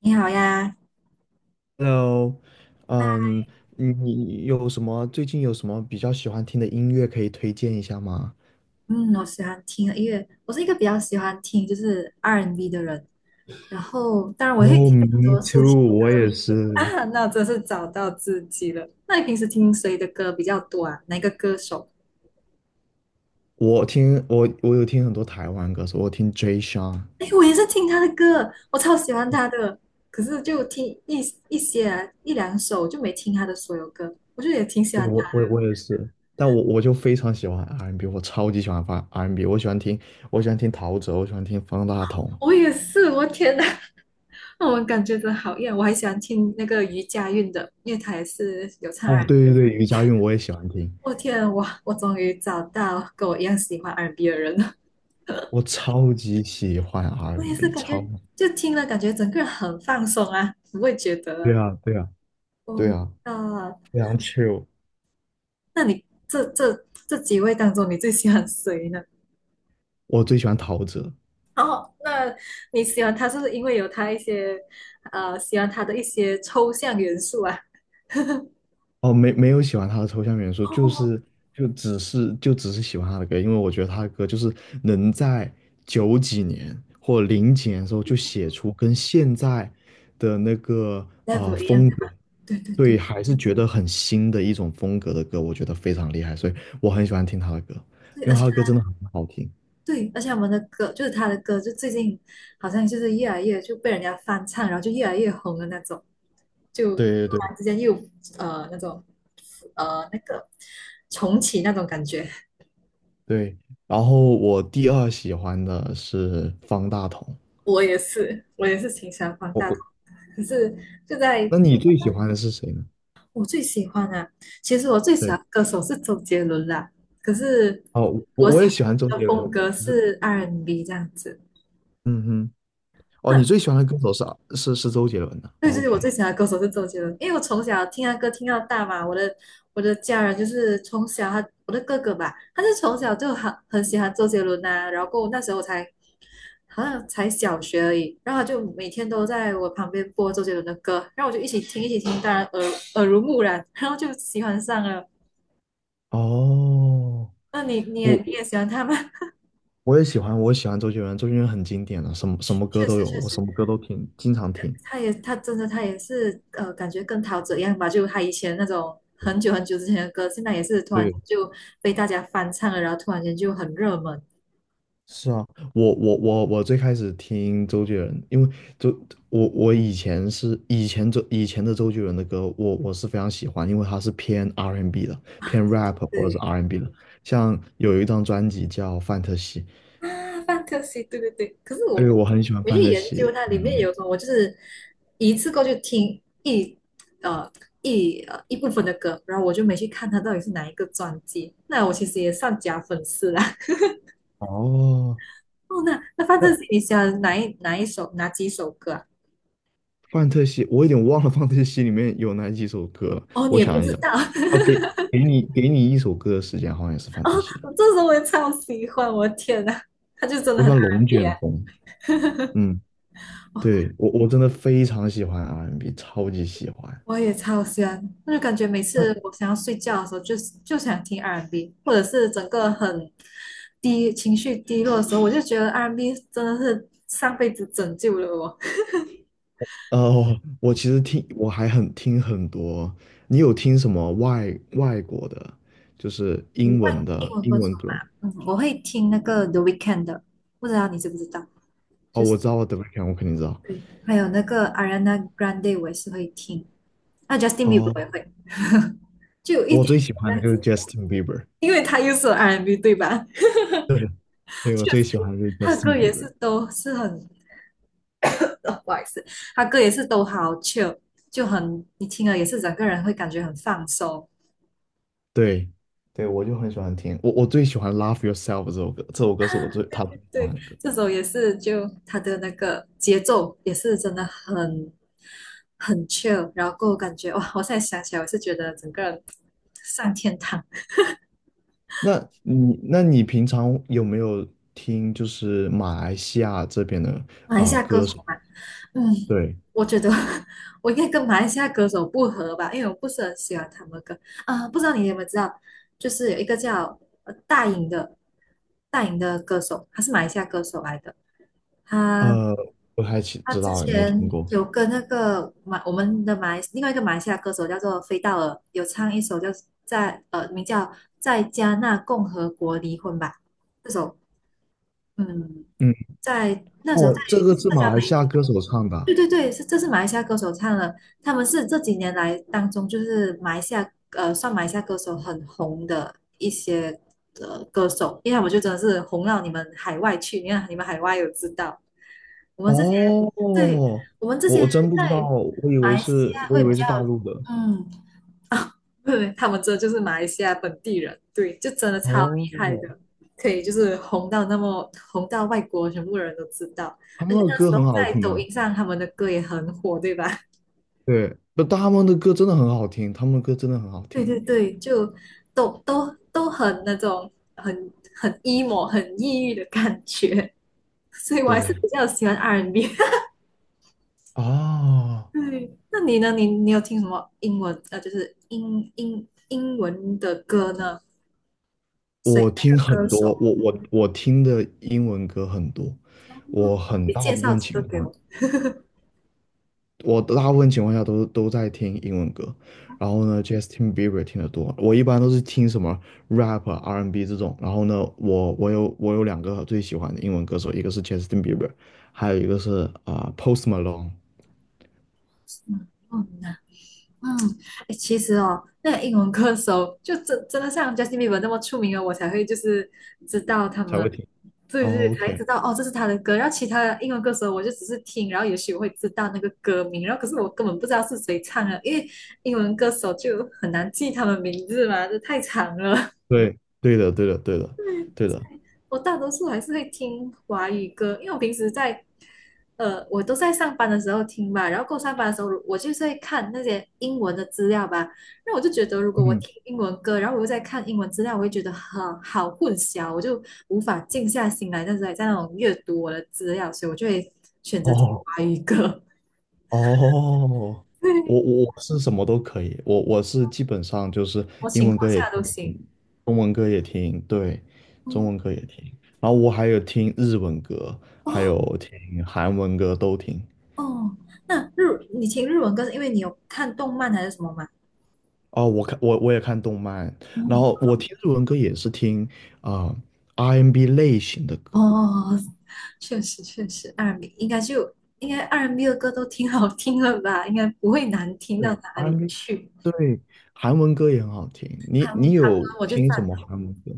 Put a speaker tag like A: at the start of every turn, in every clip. A: 你好呀，
B: Hello，
A: 啊，
B: 嗯，你有什么最近有什么比较喜欢听的音乐可以推荐一下吗？
A: 嗯，我喜欢听音乐，我是一个比较喜欢听就是 R&B N 的人，然后当然我会听
B: 哦
A: 很
B: ，me
A: 多抒
B: too，
A: 情
B: 我
A: 歌
B: 也是。
A: 啊，那我真是找到自己了。那你平时听谁的歌比较多啊？哪个歌手？
B: 我有听很多台湾歌手，我听 Jay Sean，
A: 哎，我也是听他的歌，我超喜欢他的，可是就听一些啊一两首，就没听他的所有歌，我就也挺喜
B: 对
A: 欢
B: 我
A: 他。
B: 我我也是，但我就非常喜欢 R&B， 我超级喜欢发 R&B，我喜欢听陶喆，我喜欢听方大同。
A: 我也是，我天呐，我们感觉真好一样。我还喜欢听那个余佳运的，因为他也是有唱
B: 哦，对对对，余佳运我也喜欢听，
A: 我天啊，我终于找到跟我一样喜欢 R&B 的人了。
B: 我超级喜欢
A: 我也
B: R&B，
A: 是
B: n
A: 感
B: 超，
A: 觉，就听了感觉整个人很放松啊，不会觉得啊。
B: 对啊对啊
A: 哦，
B: 对啊，
A: 啊，
B: 非常 c h i l
A: 那你这几位当中，你最喜欢谁呢？
B: 我最喜欢陶喆。
A: 哦，那你喜欢他是不是因为有他一些呃，喜欢他的一些抽象元素啊？
B: 哦，没有喜欢他的抽象元素，就
A: 哦
B: 是就只是喜欢他的歌，因为我觉得他的歌就是能在九几年或零几年的时候就写出跟现在的那个啊
A: ，level 一样
B: 风
A: 的
B: 格，
A: 吧？对对对，
B: 对，还是觉得很新的一种风格的歌，我觉得非常厉害，所以我很喜欢听他的歌，
A: 对，
B: 因
A: 而
B: 为
A: 且
B: 他的歌真的很好听。
A: 对，而且我们的歌就是他的歌，就最近好像就是越来越就被人家翻唱，然后就越来越红的那种。就突
B: 对对对
A: 然之间又呃那种呃那个重启那种感觉。
B: 对，然后我第二喜欢的是方大同，
A: 我也是，我也是挺喜欢方
B: 我
A: 大同，
B: 我，
A: 可是就在
B: 那你最喜欢的是谁呢？
A: 我最喜欢啊，其实我最喜欢
B: 对。
A: 的歌手是周杰伦啦，可是
B: 哦，我
A: 我喜
B: 我也
A: 欢
B: 喜欢周
A: 的
B: 杰
A: 风
B: 伦。
A: 格是 R&B 这样子。
B: 嗯哼，哦，你
A: 那
B: 最喜欢的歌手是周杰伦的。
A: 对
B: 哦
A: 是我最
B: OK，
A: 喜欢的歌手是周杰伦，因为我从小听他歌听到大嘛，我的家人就是从小我的哥哥吧，他就从小就很喜欢周杰伦呐、然后过后那时候我才好像才小学而已，然后他就每天都在我旁边播周杰伦的歌，然后我就一起听一起听，当然耳濡目染，然后就喜欢上了。
B: 哦，
A: 那你你也
B: 我
A: 你也喜欢他吗？
B: 我也喜欢，我也喜欢周杰伦。周杰伦很经典的，什么什么 歌
A: 确
B: 都
A: 实
B: 有，
A: 确
B: 我什
A: 实。
B: 么歌都听，经常听。
A: 他也他真的他也是呃，感觉跟陶喆一样吧，就他以前那种很久很久之前的歌，现在也是突然
B: 对，
A: 就被大家翻唱了，然后突然间就很热门。
B: 是啊，我最开始听周杰伦，因为周我我以前是以前周以前的周杰伦的歌，我是非常喜欢，因为他是偏 R&B 的，偏 rap 或者是
A: 对
B: R&B 的。像有一张专辑叫《范特西》，
A: 啊，f a n t a s y 对对对。可是我
B: 因为
A: 没
B: 我很喜欢
A: 没去
B: 范特
A: 研
B: 西
A: 究它
B: 内
A: 里
B: 容
A: 面
B: 的。
A: 有什么，我就是一次过去听呃一部分的歌，然后我就没去看它到底是哪一个专辑。那我其实也算假粉丝啦。
B: 哦，
A: 哦，那那范特
B: 那
A: 西，你喜欢哪几首歌啊？
B: 范特西，我有点忘了范特西里面有哪几首歌了
A: 哦，你
B: 我
A: 也不
B: 想一
A: 知
B: 想，
A: 道。
B: 哦，给你一首歌的时间，好像也是范特西的。
A: 我这时候我也超喜欢，我的天呐，他就真的
B: 我
A: 很
B: 喜欢龙
A: R&B
B: 卷
A: 啊，
B: 风，嗯，对，我真的非常喜欢 R&B，超级喜欢。
A: 我也超喜欢，我就感觉每
B: 那
A: 次我想要睡觉的时候就，就想听 R&B,或者是整个情绪低落的时候，我就觉得 R&B 真的是上辈子拯救了我。
B: 我其实听，我还很听很多。你有听什么外国的，就是
A: 你
B: 英
A: 会
B: 文
A: 英
B: 的
A: 文
B: 英
A: 歌手
B: 文歌吗？
A: 吗？嗯，我会听那个 The Weeknd 的，不知道你知不知道？
B: 哦，
A: 就是
B: 我知道，The Weeknd，我肯定知道。
A: 对，还有那个 Ariana Grande 我也是会听，那 Justin Bieber 我也
B: 哦，
A: 会，就有一
B: 我
A: 点
B: 最
A: 点
B: 喜
A: 这
B: 欢的
A: 样
B: 就是
A: 子，
B: Justin Bieber，
A: 因为他又是 R&B 对吧？
B: 对，对，我最喜欢的就是
A: 他
B: Justin
A: 歌也是
B: Bieber，
A: 都是很，不好意思，他歌也是都好 chill,就很你听了也是整个人会感觉很放松。
B: 对，对，我就很喜欢听，我最喜欢《Love Yourself》这首歌，这首歌是他最喜欢
A: 对，
B: 的歌。
A: 这首也是就他的那个节奏也是真的很很 chill,然后感觉哇，我现在想起来我是觉得整个人上天堂。
B: 那你平常有没有听就是马来西亚这边的
A: 马来西亚歌
B: 歌
A: 手
B: 手？
A: 嘛，嗯，
B: 对，
A: 我觉得 我应该跟马来西亚歌手不合吧，因为我不是很喜欢他们的歌啊、不知道你有没有知道，就是有一个叫呃大颖的大颖的歌手，他是马来西亚歌手来的。他
B: 呃，不太清
A: 他
B: 知
A: 之
B: 道，也没听
A: 前
B: 过。
A: 有跟那个我们的马来另外一个马来西亚歌手叫做飞道尔，有唱一首叫在呃名叫在加纳共和国离婚吧这首，嗯，
B: 嗯，
A: 在那时候在
B: 哦，这个是
A: 社
B: 马
A: 交
B: 来西亚
A: 媒
B: 歌手唱的啊
A: 对对对，是这是马来西亚歌手唱的，他们是这几年来当中就是马来西亚呃算马来西亚歌手很红的一些呃歌手，因为他们就真的是红到你们海外去，你看你们海外有知道，我们这些
B: 哦，
A: 对
B: 我
A: 我们这些
B: 我真不知道，
A: 在
B: 我以
A: 马
B: 为
A: 来西
B: 是，
A: 亚
B: 我以
A: 会比
B: 为是
A: 较
B: 大陆的。
A: 嗯 啊，对，他们这就是马来西亚本地人，对，就真的超厉
B: 哦，
A: 害的，可以就是红到那么红到外国全部人都知道，
B: 他
A: 而
B: 们
A: 且
B: 的
A: 那时
B: 歌很
A: 候
B: 好
A: 在
B: 听
A: 抖
B: 啊，
A: 音上他们的歌也很火，对吧？
B: 对，不，他们的歌真的很好听，他们的歌真的很好
A: 对
B: 听。
A: 对对，就都很那种很 emo 很抑郁的感觉，所以我还是
B: 对，
A: 比较喜欢 R&B n。
B: 啊，
A: 对，那你呢？你你有听什么英文呃，就是英文的歌呢？谁
B: 我
A: 那
B: 听
A: 个
B: 很
A: 歌
B: 多，
A: 手？
B: 我听的英文歌很多，我很
A: 你
B: 大
A: 介
B: 部
A: 绍
B: 分
A: 几个
B: 情
A: 给我。
B: 况，我大部分情况下都在听英文歌。然后呢，Justin Bieber 听得多，我一般都是听什么 rap 啊、R&B 这种。然后呢，我有两个最喜欢的英文歌手，一个是 Justin Bieber，还有一个是啊 Post Malone
A: 嗯，嗯呐，嗯，哎，其实哦，那个英文歌手就真的像 Justin Bieber 那么出名了，我才会就是知道他
B: 才会
A: 们，
B: 听。
A: 对对，
B: o
A: 才
B: k
A: 知道哦，这是他的歌。然后其他的英文歌手，我就只是听，然后也许我会知道那个歌名，然后可是我根本不知道是谁唱的，因为英文歌手就很难记他们名字嘛，这太长了。
B: 对，对的，对的，对的，对的。
A: 我大多数还是会听华语歌，因为我平时在，呃，我都在上班的时候听吧，然后过上班的时候，我就是会看那些英文的资料吧。那我就觉得，如果我
B: 嗯，
A: 听英文歌，然后我又在看英文资料，我会觉得很好混淆，我就无法静下心来，但是还在那种阅读我的资料，所以我就会选择听
B: 哦
A: 华语歌，
B: 哦，
A: 对，
B: 我
A: 什
B: 我我是什么都可以，我是基本上就是
A: 么
B: 英
A: 情
B: 文
A: 况
B: 歌也
A: 下都
B: 听，
A: 行。
B: 中文歌也听，对，中
A: 嗯，
B: 文歌也听，然后我还有听日文歌，还
A: 哦
B: 有听韩文歌都听。
A: 哦，那日你听日文歌是因为你有看动漫还是什么吗？
B: 哦，我也看动漫，然
A: 嗯，
B: 后我听日文歌也是听啊、R&B 类型的歌，
A: 哦，确实确实 r 米应该就应该 r 米的歌都挺好听的吧，应该不会难听到
B: 对
A: 哪
B: R&B，
A: 里
B: n
A: 去。
B: 对，韩文歌也很好听。你
A: 韩文
B: 你有
A: 我就
B: 听什
A: 赞
B: 么
A: 同，
B: 韩文歌？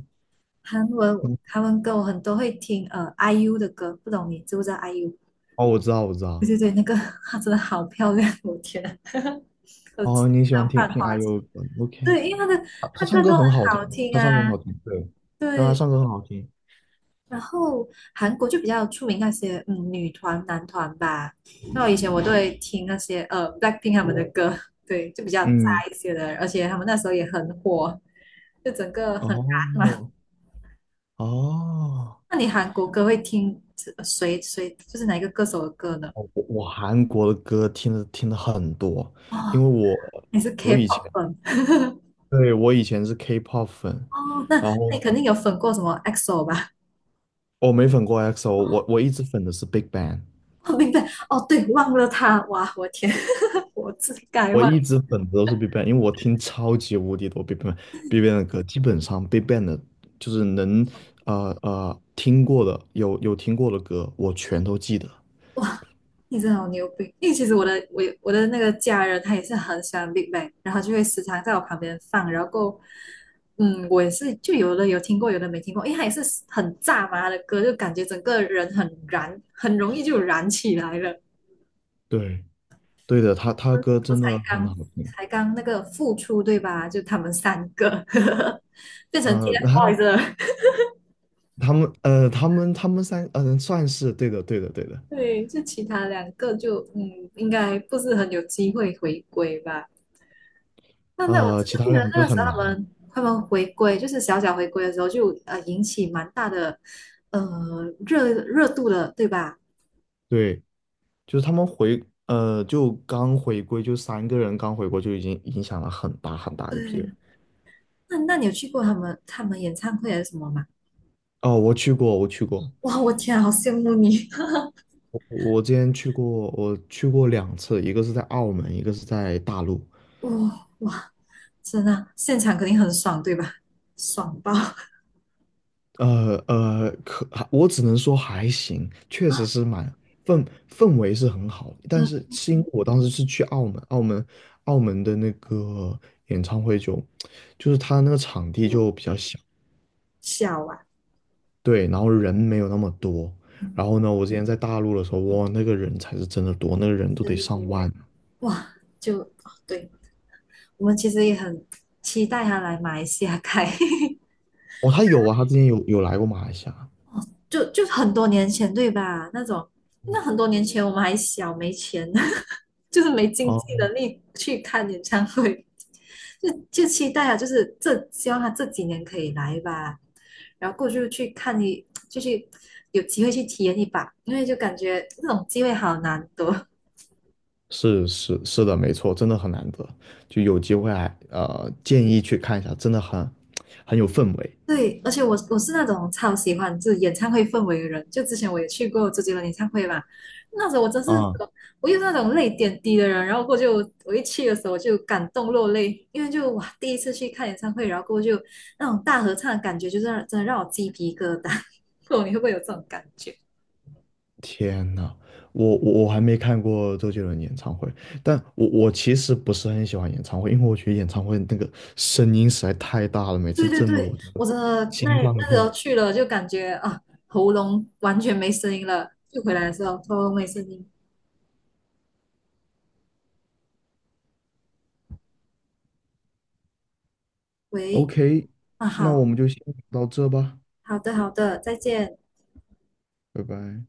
A: 韩文
B: 嗯，
A: 韩文歌我很多会听，呃，IU 的歌，不懂你知不知道 IU？
B: 哦，我知道，我知
A: 对
B: 道。
A: 对对，那个 她真的好漂亮，我天啊，我只
B: 哦，你喜欢
A: 想
B: 听
A: 犯
B: 听
A: 花痴。
B: IU 的歌？OK，
A: 对，因为
B: 他
A: 她
B: 他唱
A: 歌都
B: 歌
A: 很
B: 很好听，
A: 好听
B: 他唱歌很
A: 啊，
B: 好听，对，然后他
A: 对。
B: 唱歌很好听。
A: 然后韩国就比较出名那些嗯女团、男团吧。那我以前我都会听那些呃 BLACKPINK 他们的歌，对，就比较炸
B: 嗯，
A: 一些的，而且他们那时候也很火，就整个很
B: 哦，
A: 燃嘛。
B: 哦，
A: 那你韩国歌会听谁就是哪一个歌手的歌呢？
B: 哦我韩国的歌听的很多，因
A: 哦，
B: 为我
A: 你是
B: 我以前
A: K-pop 粉
B: 对，我以前是 K-pop 粉，
A: 哦，那
B: 然后
A: 那你肯
B: 呢，
A: 定有粉过什么 EXO 吧？
B: 我没粉过 EXO，我一直粉的是 Big Bang。
A: 哦，明白，哦，对，忘了他，哇，我天，我自己改
B: 我
A: 忘。
B: 一直粉的都是 BigBang，因为我听超级无敌多 BigBang 的歌，基本上 BigBang 的，就是能听过的，有听过的歌，我全都记得。
A: 你真的好牛逼！因为其实我的那个家人他也是很喜欢 Big Bang,然后就会时常在我旁边放，然后过，嗯，我也是就有的有听过，有的没听过，因为他也是很炸嘛的歌，就感觉整个人很燃，很容易就燃起来了。
B: 对，对的，他歌
A: 我
B: 真的
A: 才
B: 很
A: 刚
B: 好听。
A: 才刚那个复出对吧？就他们三个 变成
B: 呃，他
A: TFBOYS 了，
B: 他们他们三算是对的对的对的。
A: 对，就其他两个就嗯，应该不是很有机会回归吧。但那我真
B: 其
A: 的
B: 他
A: 记得
B: 两
A: 那
B: 个
A: 个时候
B: 很
A: 他
B: 难。
A: 们他们回归，就是小小回归的时候就呃引起蛮大的呃热度的，对吧？
B: 对，就是他们就刚回归，就三个人刚回国就已经影响了很大很大一批
A: 对，
B: 人。
A: 那你有去过他们演唱会还是什么吗？
B: 哦，我去过，我去过。
A: 哇，我天啊好羡慕你！
B: 我之前去过，我去过两次，一个是在澳门，一个是在大陆。
A: 哇哇，真的啊现场肯定很爽，对吧？爽爆！
B: 可我只能说还行，确实是蛮氛围是很好，但是
A: 嗯，
B: 是因为我当时是去澳门，澳门的那个演唱会就是他那个场地就比较小，
A: 笑啊，
B: 对，然后人没有那么多。然后呢，我之前在大陆的时候，哇，那个人才是真的多，那个人都得
A: 嗯，
B: 上万啊。
A: 哇，就哦对，我们其实也很期待他来马来西亚开。
B: 哦，他有啊，他之前有来过马来西亚。
A: 就很多年前对吧？那种那很多年前我们还小没钱，就是没经济
B: 哦
A: 能力去看演唱会，就期待啊，就是这希望他这几年可以来吧，然后过去去看一，就去有机会去体验一把，因为就感觉这种机会好难得。
B: 是是是的，没错，真的很难得，就有机会还建议去看一下，真的很有氛围
A: 对，而且我是那种超喜欢就是演唱会氛围的人，就之前我也去过周杰伦演唱会嘛，那时候
B: 啊！
A: 我又是那种泪点低的人，然后过后就我一去的时候就感动落泪，因为就哇第一次去看演唱会，然后过后就那种大合唱的感觉，就是让真的让我鸡皮疙瘩，不懂你会不会有这种感觉？
B: 天呐，我还没看过周杰伦演唱会，但我其实不是很喜欢演唱会，因为我觉得演唱会那个声音实在太大了，每
A: 对
B: 次
A: 对
B: 震得我
A: 对，
B: 这个
A: 我真的那
B: 心脏
A: 那时
B: 痛。
A: 候去了就感觉啊喉咙完全没声音了，就回来的时候喉咙没声音，喂
B: OK，
A: 啊
B: 那我
A: 好
B: 们就先到这吧，
A: 好的,再见。
B: 拜拜。